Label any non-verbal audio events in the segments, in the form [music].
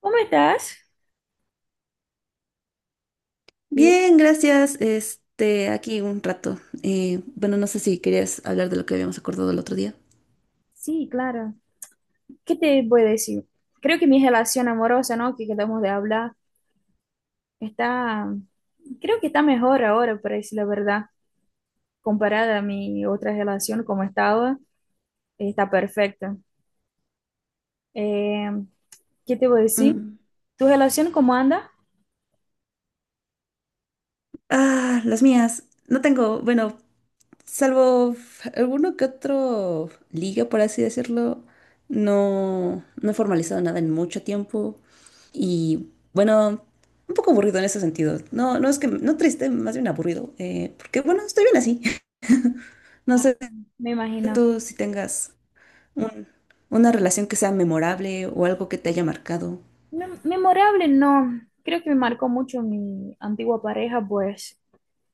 ¿Cómo estás? Bien, Bien, gracias. Aquí un rato. Bueno, no sé si querías hablar de lo que habíamos acordado el otro día. sí, claro. ¿Qué te voy a decir? Creo que mi relación amorosa, ¿no? Que quedamos de hablar, está, creo que está mejor ahora, para decir la verdad, comparada a mi otra relación, como estaba, está perfecta. Eh, ¿Qué te voy a decir? Mm. ¿Tu relación cómo anda? Ah, las mías. No tengo, bueno, salvo alguno que otro liga, por así decirlo. No, no he formalizado nada en mucho tiempo. Y bueno, un poco aburrido en ese sentido. No, no es que, no triste, más bien aburrido. Porque bueno, estoy bien así. [laughs] No Ah, sé me imagino. tú si tengas un- una relación que sea memorable o algo que te haya marcado. Memorable, no. Creo que me marcó mucho mi antigua pareja, pues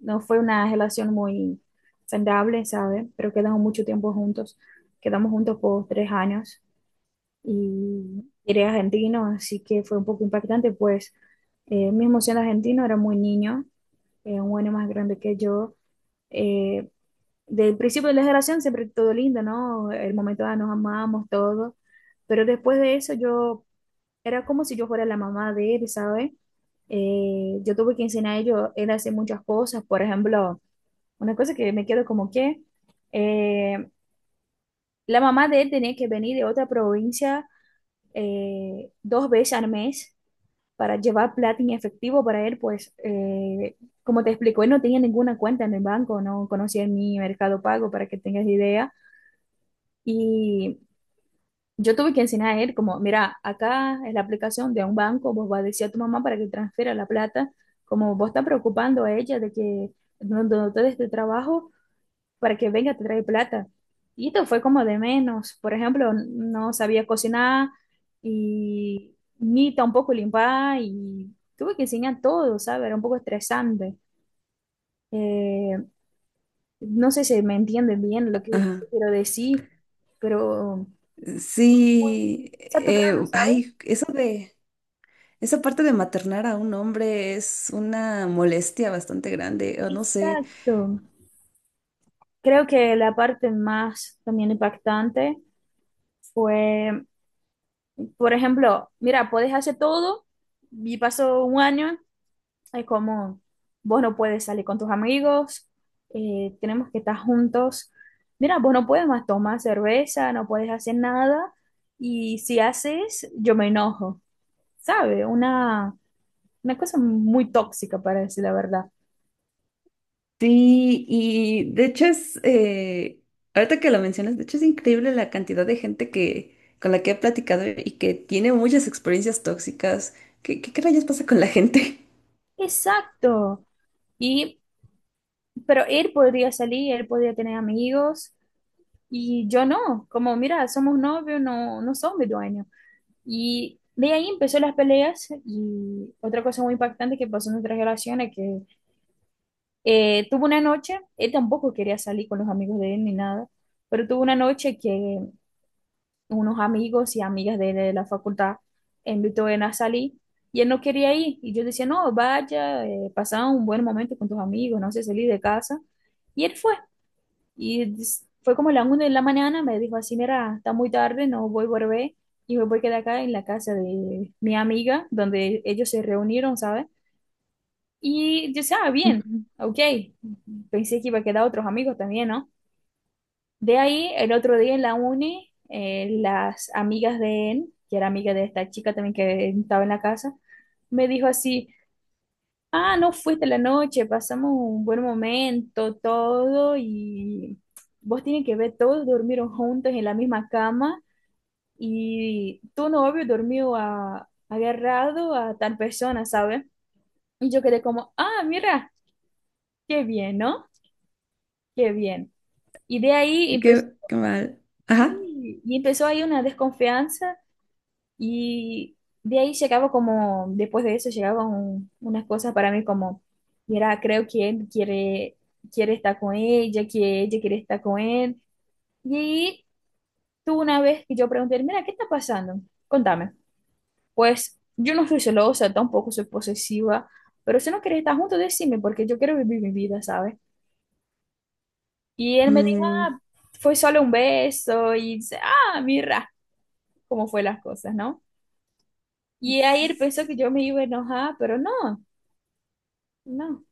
no fue una relación muy saludable, ¿sabes? Pero quedamos mucho tiempo juntos. Quedamos juntos por tres años y era argentino, así que fue un poco impactante, pues mismo siendo argentino, era muy niño, un año más grande que yo. Eh, Del principio de la relación siempre todo lindo, ¿no? El momento ah, nos amamos, todo. Pero después de eso yo era como si yo fuera la mamá de él, ¿sabes? Yo tuve que enseñar a ellos, él a hacer muchas cosas, por ejemplo una cosa que me quedo como que eh, la mamá de él tenía que venir de otra provincia dos veces al mes para llevar plata en efectivo para él, pues como te explico, él no tenía ninguna cuenta en el banco, no conocía ni Mercado Pago para que tengas idea. Y yo tuve que enseñar a él como, mira, acá es la aplicación de un banco, vos vas a decir a tu mamá para que transfiera la plata, como vos estás preocupando a ella de que no, no te des tu trabajo para que venga, te trae plata. Y esto fue como de menos. Por ejemplo, no sabía cocinar y ni tampoco limpar y tuve que enseñar todo, ¿sabes? Era un poco estresante. Eh, no sé si me entienden bien lo que Ajá. quiero decir, pero muy Sí, saturado, ¿sabes? ay, eso de, esa parte de maternar a un hombre es una molestia bastante grande, o no sé. Exacto. Creo que la parte más también impactante fue, por ejemplo, mira, puedes hacer todo y pasó un año. Es como, vos no puedes salir con tus amigos, tenemos que estar juntos. Mira, vos no puedes más tomar cerveza, no puedes hacer nada, y si haces, yo me enojo, ¿sabe? Una cosa muy tóxica, para decir la verdad. Sí, y de hecho es, ahorita que lo mencionas, de hecho es increíble la cantidad de gente que, con la que he platicado y que tiene muchas experiencias tóxicas. ¿Qué rayos pasa con la gente? Exacto. Y, pero él podría salir, él podría tener amigos, y yo no. Como, mira, somos novios, no, no sos mi dueño. Y de ahí empezó las peleas y otra cosa muy impactante que pasó en nuestras relaciones, que tuvo una noche, él tampoco quería salir con los amigos de él ni nada, pero tuvo una noche que unos amigos y amigas de la facultad invitó a él a salir y él no quería ir. Y yo decía, no, vaya, pasa un buen momento con tus amigos, no sé, salir de casa. Y él fue. Y fue como la 1 de la mañana, me dijo así, mira, está muy tarde, no voy a volver y me voy a quedar acá en la casa de mi amiga, donde ellos se reunieron, ¿sabes? Y yo decía, ah, bien, Ujú. [laughs] ok, pensé que iba a quedar otros amigos también, ¿no? De ahí, el otro día en la uni, las amigas de él, que era amiga de esta chica también que estaba en la casa, me dijo así, ah, no fuiste la noche, pasamos un buen momento, todo, y vos tienen que ver, todos durmieron juntos en la misma cama y tu novio durmió agarrado a tal persona, ¿sabes? Y yo quedé como, ah, mira, qué bien, ¿no? Qué bien. Y de ahí empezó, Qué, qué mal. Ajá. sí, y empezó ahí una desconfianza. Y de ahí llegaba como, después de eso llegaban unas cosas para mí como, mira, creo que él quiere estar con ella, que ella quiere estar con él. Y ahí tú una vez que yo pregunté, mira, ¿qué está pasando? Contame. Pues yo no soy celosa, tampoco soy posesiva, pero si no quieres estar juntos, decime, porque yo quiero vivir mi vida, ¿sabes? Y él me dijo, Mm. ah, fue solo un beso, y dice, ah, mira, cómo fue las cosas, ¿no? Y ahí él pensó que yo me iba a enojar, pero no. No,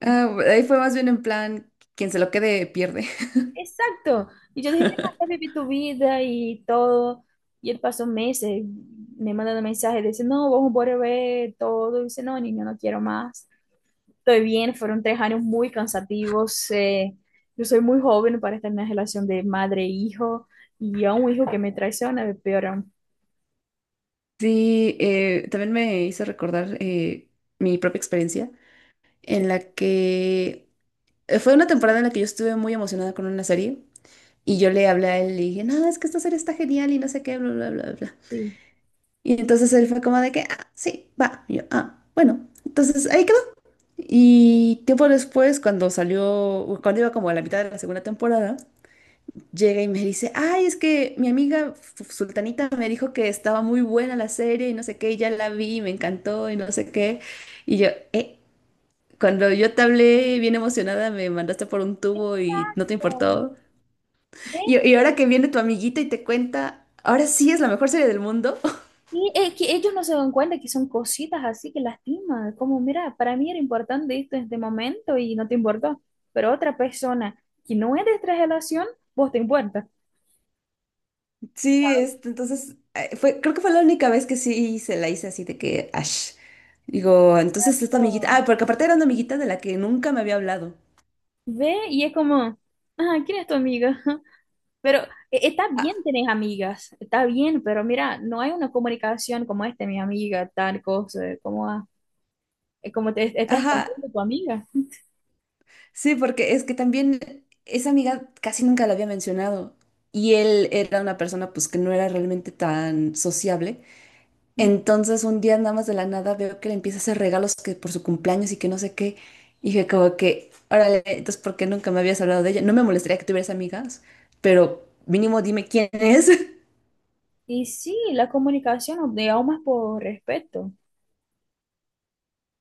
Ah, ahí fue más bien en plan, quien se lo quede pierde. exacto. Y yo dije, mira, estás [laughs] viviendo tu vida y todo. Y él pasó meses, me mandando mensajes, dice, no, vamos a volver todo. Y dice, no, niño, no quiero más. Estoy bien, fueron tres años muy cansativos. Yo soy muy joven para estar en una relación de madre e hijo. Y a un hijo que me traiciona, peor aún. Sí, también me hizo recordar mi propia experiencia en Sí, la que fue una temporada en la que yo estuve muy emocionada con una serie y yo le hablé a él y le dije, no, es que esta serie está genial y no sé qué, bla, bla, bla, bla. sí. Y entonces él fue como de que, ah, sí, va. Y yo, ah, bueno, entonces ahí quedó. Y tiempo después, cuando salió, cuando iba como a la mitad de la segunda temporada, llega y me dice, ay, es que mi amiga Sultanita me dijo que estaba muy buena la serie y no sé qué, y ya la vi, y me encantó y no sé qué. Y yo, cuando yo te hablé bien emocionada, me mandaste por un tubo y no te Exacto. importó. ¿Ves? Y ahora que viene tu amiguita y te cuenta, ahora sí es la mejor serie del mundo. [laughs] Y es que ellos no se dan cuenta que son cositas así que lastiman, como mira, para mí era importante esto en este momento y no te importó, pero otra persona que no es de esta relación, vos te importa. Sí, este, entonces, fue, creo que fue la única vez que sí se la hice así de que, ash. Digo, entonces esta amiguita, Oh. ah, porque aparte era una amiguita de la que nunca me había hablado. Ve y es como, ah, ¿quién es tu amiga? [laughs] Pero está Ah, bien tener amigas, está bien, pero mira, no hay una comunicación como este, mi amiga, tal cosa, como, ah, como te estás ajá, contando tu amiga. sí, porque es que también esa amiga casi nunca la había mencionado y él era una persona pues que no era realmente tan sociable. Mm. Entonces un día nada más de la nada veo que le empieza a hacer regalos que por su cumpleaños y que no sé qué. Y dije como que, órale, entonces ¿por qué nunca me habías hablado de ella? No me molestaría que tuvieras amigas, pero mínimo dime quién es. [laughs] Y sí, la comunicación, digamos, más por respeto,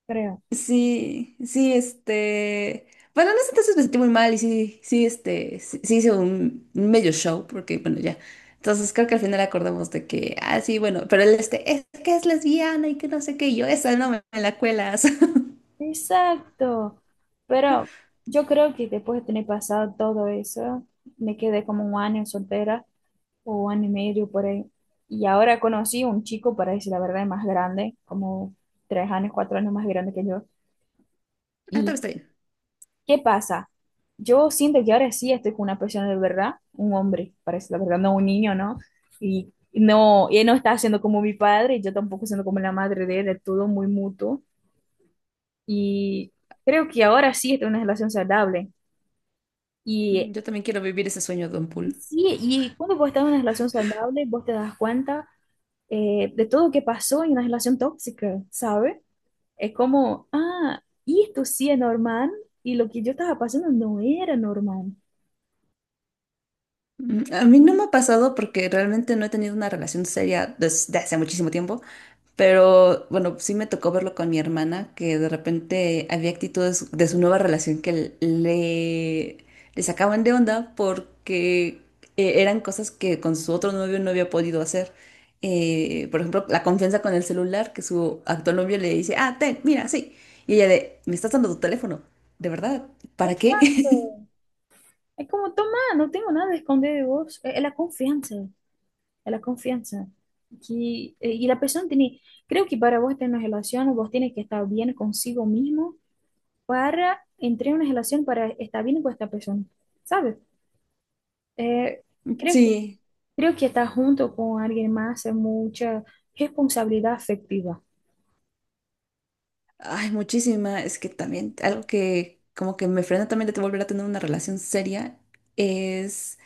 creo. Sí, sí, este. Bueno, en ese entonces me sentí muy mal y sí, sí, este, sí, sí hice un medio show, porque bueno, ya. Entonces creo que al final acordamos de que, ah, sí, bueno, pero él, este, es que es lesbiana y que no sé qué, y yo, esa no me, me la cuelas. [laughs] Exacto. Pero yo creo que después de tener pasado todo eso, me quedé como un año soltera o un año y medio por ahí. Y ahora conocí un chico, para decir la verdad, más grande, como tres años, cuatro años más grande que yo. Ah, también ¿Y está bien. qué pasa? Yo siento que ahora sí estoy con una persona de verdad, un hombre, para decir la verdad, no un niño, ¿no? Y no, y él no está siendo como mi padre, y yo tampoco siendo como la madre de él, es todo muy mutuo. Y creo que ahora sí estoy en una relación saludable. Y Yo también quiero vivir ese sueño, Don y Pool. sí, y cuando vos estás en una relación saludable, vos te das cuenta de todo lo que pasó en una relación tóxica, ¿sabes? Es como, ah, y esto sí es normal y lo que yo estaba pasando no era normal. Mm, a mí no me ha pasado porque realmente no he tenido una relación seria desde hace muchísimo tiempo, pero bueno, sí me tocó verlo con mi hermana, que de repente había actitudes de su nueva relación que le sacaban de onda porque eran cosas que con su otro novio no había podido hacer. Por ejemplo, la confianza con el celular, que su actual novio le dice, ah, ten, mira, sí. Y ella de, me estás dando tu teléfono, ¿de verdad? ¿Para qué? Exacto. [laughs] Es como, toma, no tengo nada de esconder de vos. Es la confianza, es la confianza. Que, y la persona tiene, creo que para vos estar en una relación, vos tienes que estar bien consigo mismo para entrar en una relación para estar bien con esta persona, ¿sabes? Eh, creo que, Sí, creo que estar junto con alguien más es mucha responsabilidad afectiva. ay, muchísima. Es que también algo que como que me frena también de volver a tener una relación seria es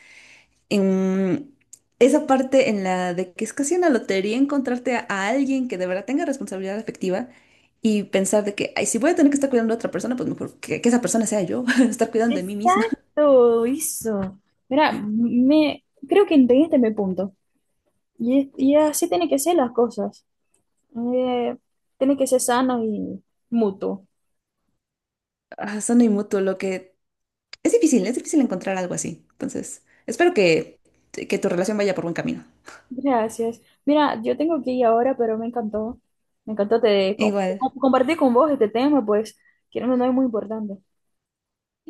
en esa parte en la de que es casi una lotería encontrarte a alguien que de verdad tenga responsabilidad afectiva y pensar de que, ay, si voy a tener que estar cuidando a otra persona, pues mejor que esa persona sea yo, [laughs] estar cuidando de mí misma. [laughs] Exacto, eso. Mira, me, creo que entendiste mi punto. Y así tiene que ser las cosas. Eh, Tiene que ser sano y mutuo. Ah, son mutuo, lo que es difícil encontrar algo así. Entonces, espero que tu relación vaya por buen camino. Gracias. Mira, yo tengo que ir ahora, pero me encantó. Me encantó Igual, compartir con vos este tema, pues, que no es muy importante.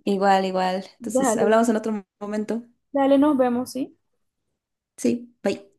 igual, igual. Entonces, Dale, hablamos en otro momento. dale, nos vemos, ¿sí? Sí, bye.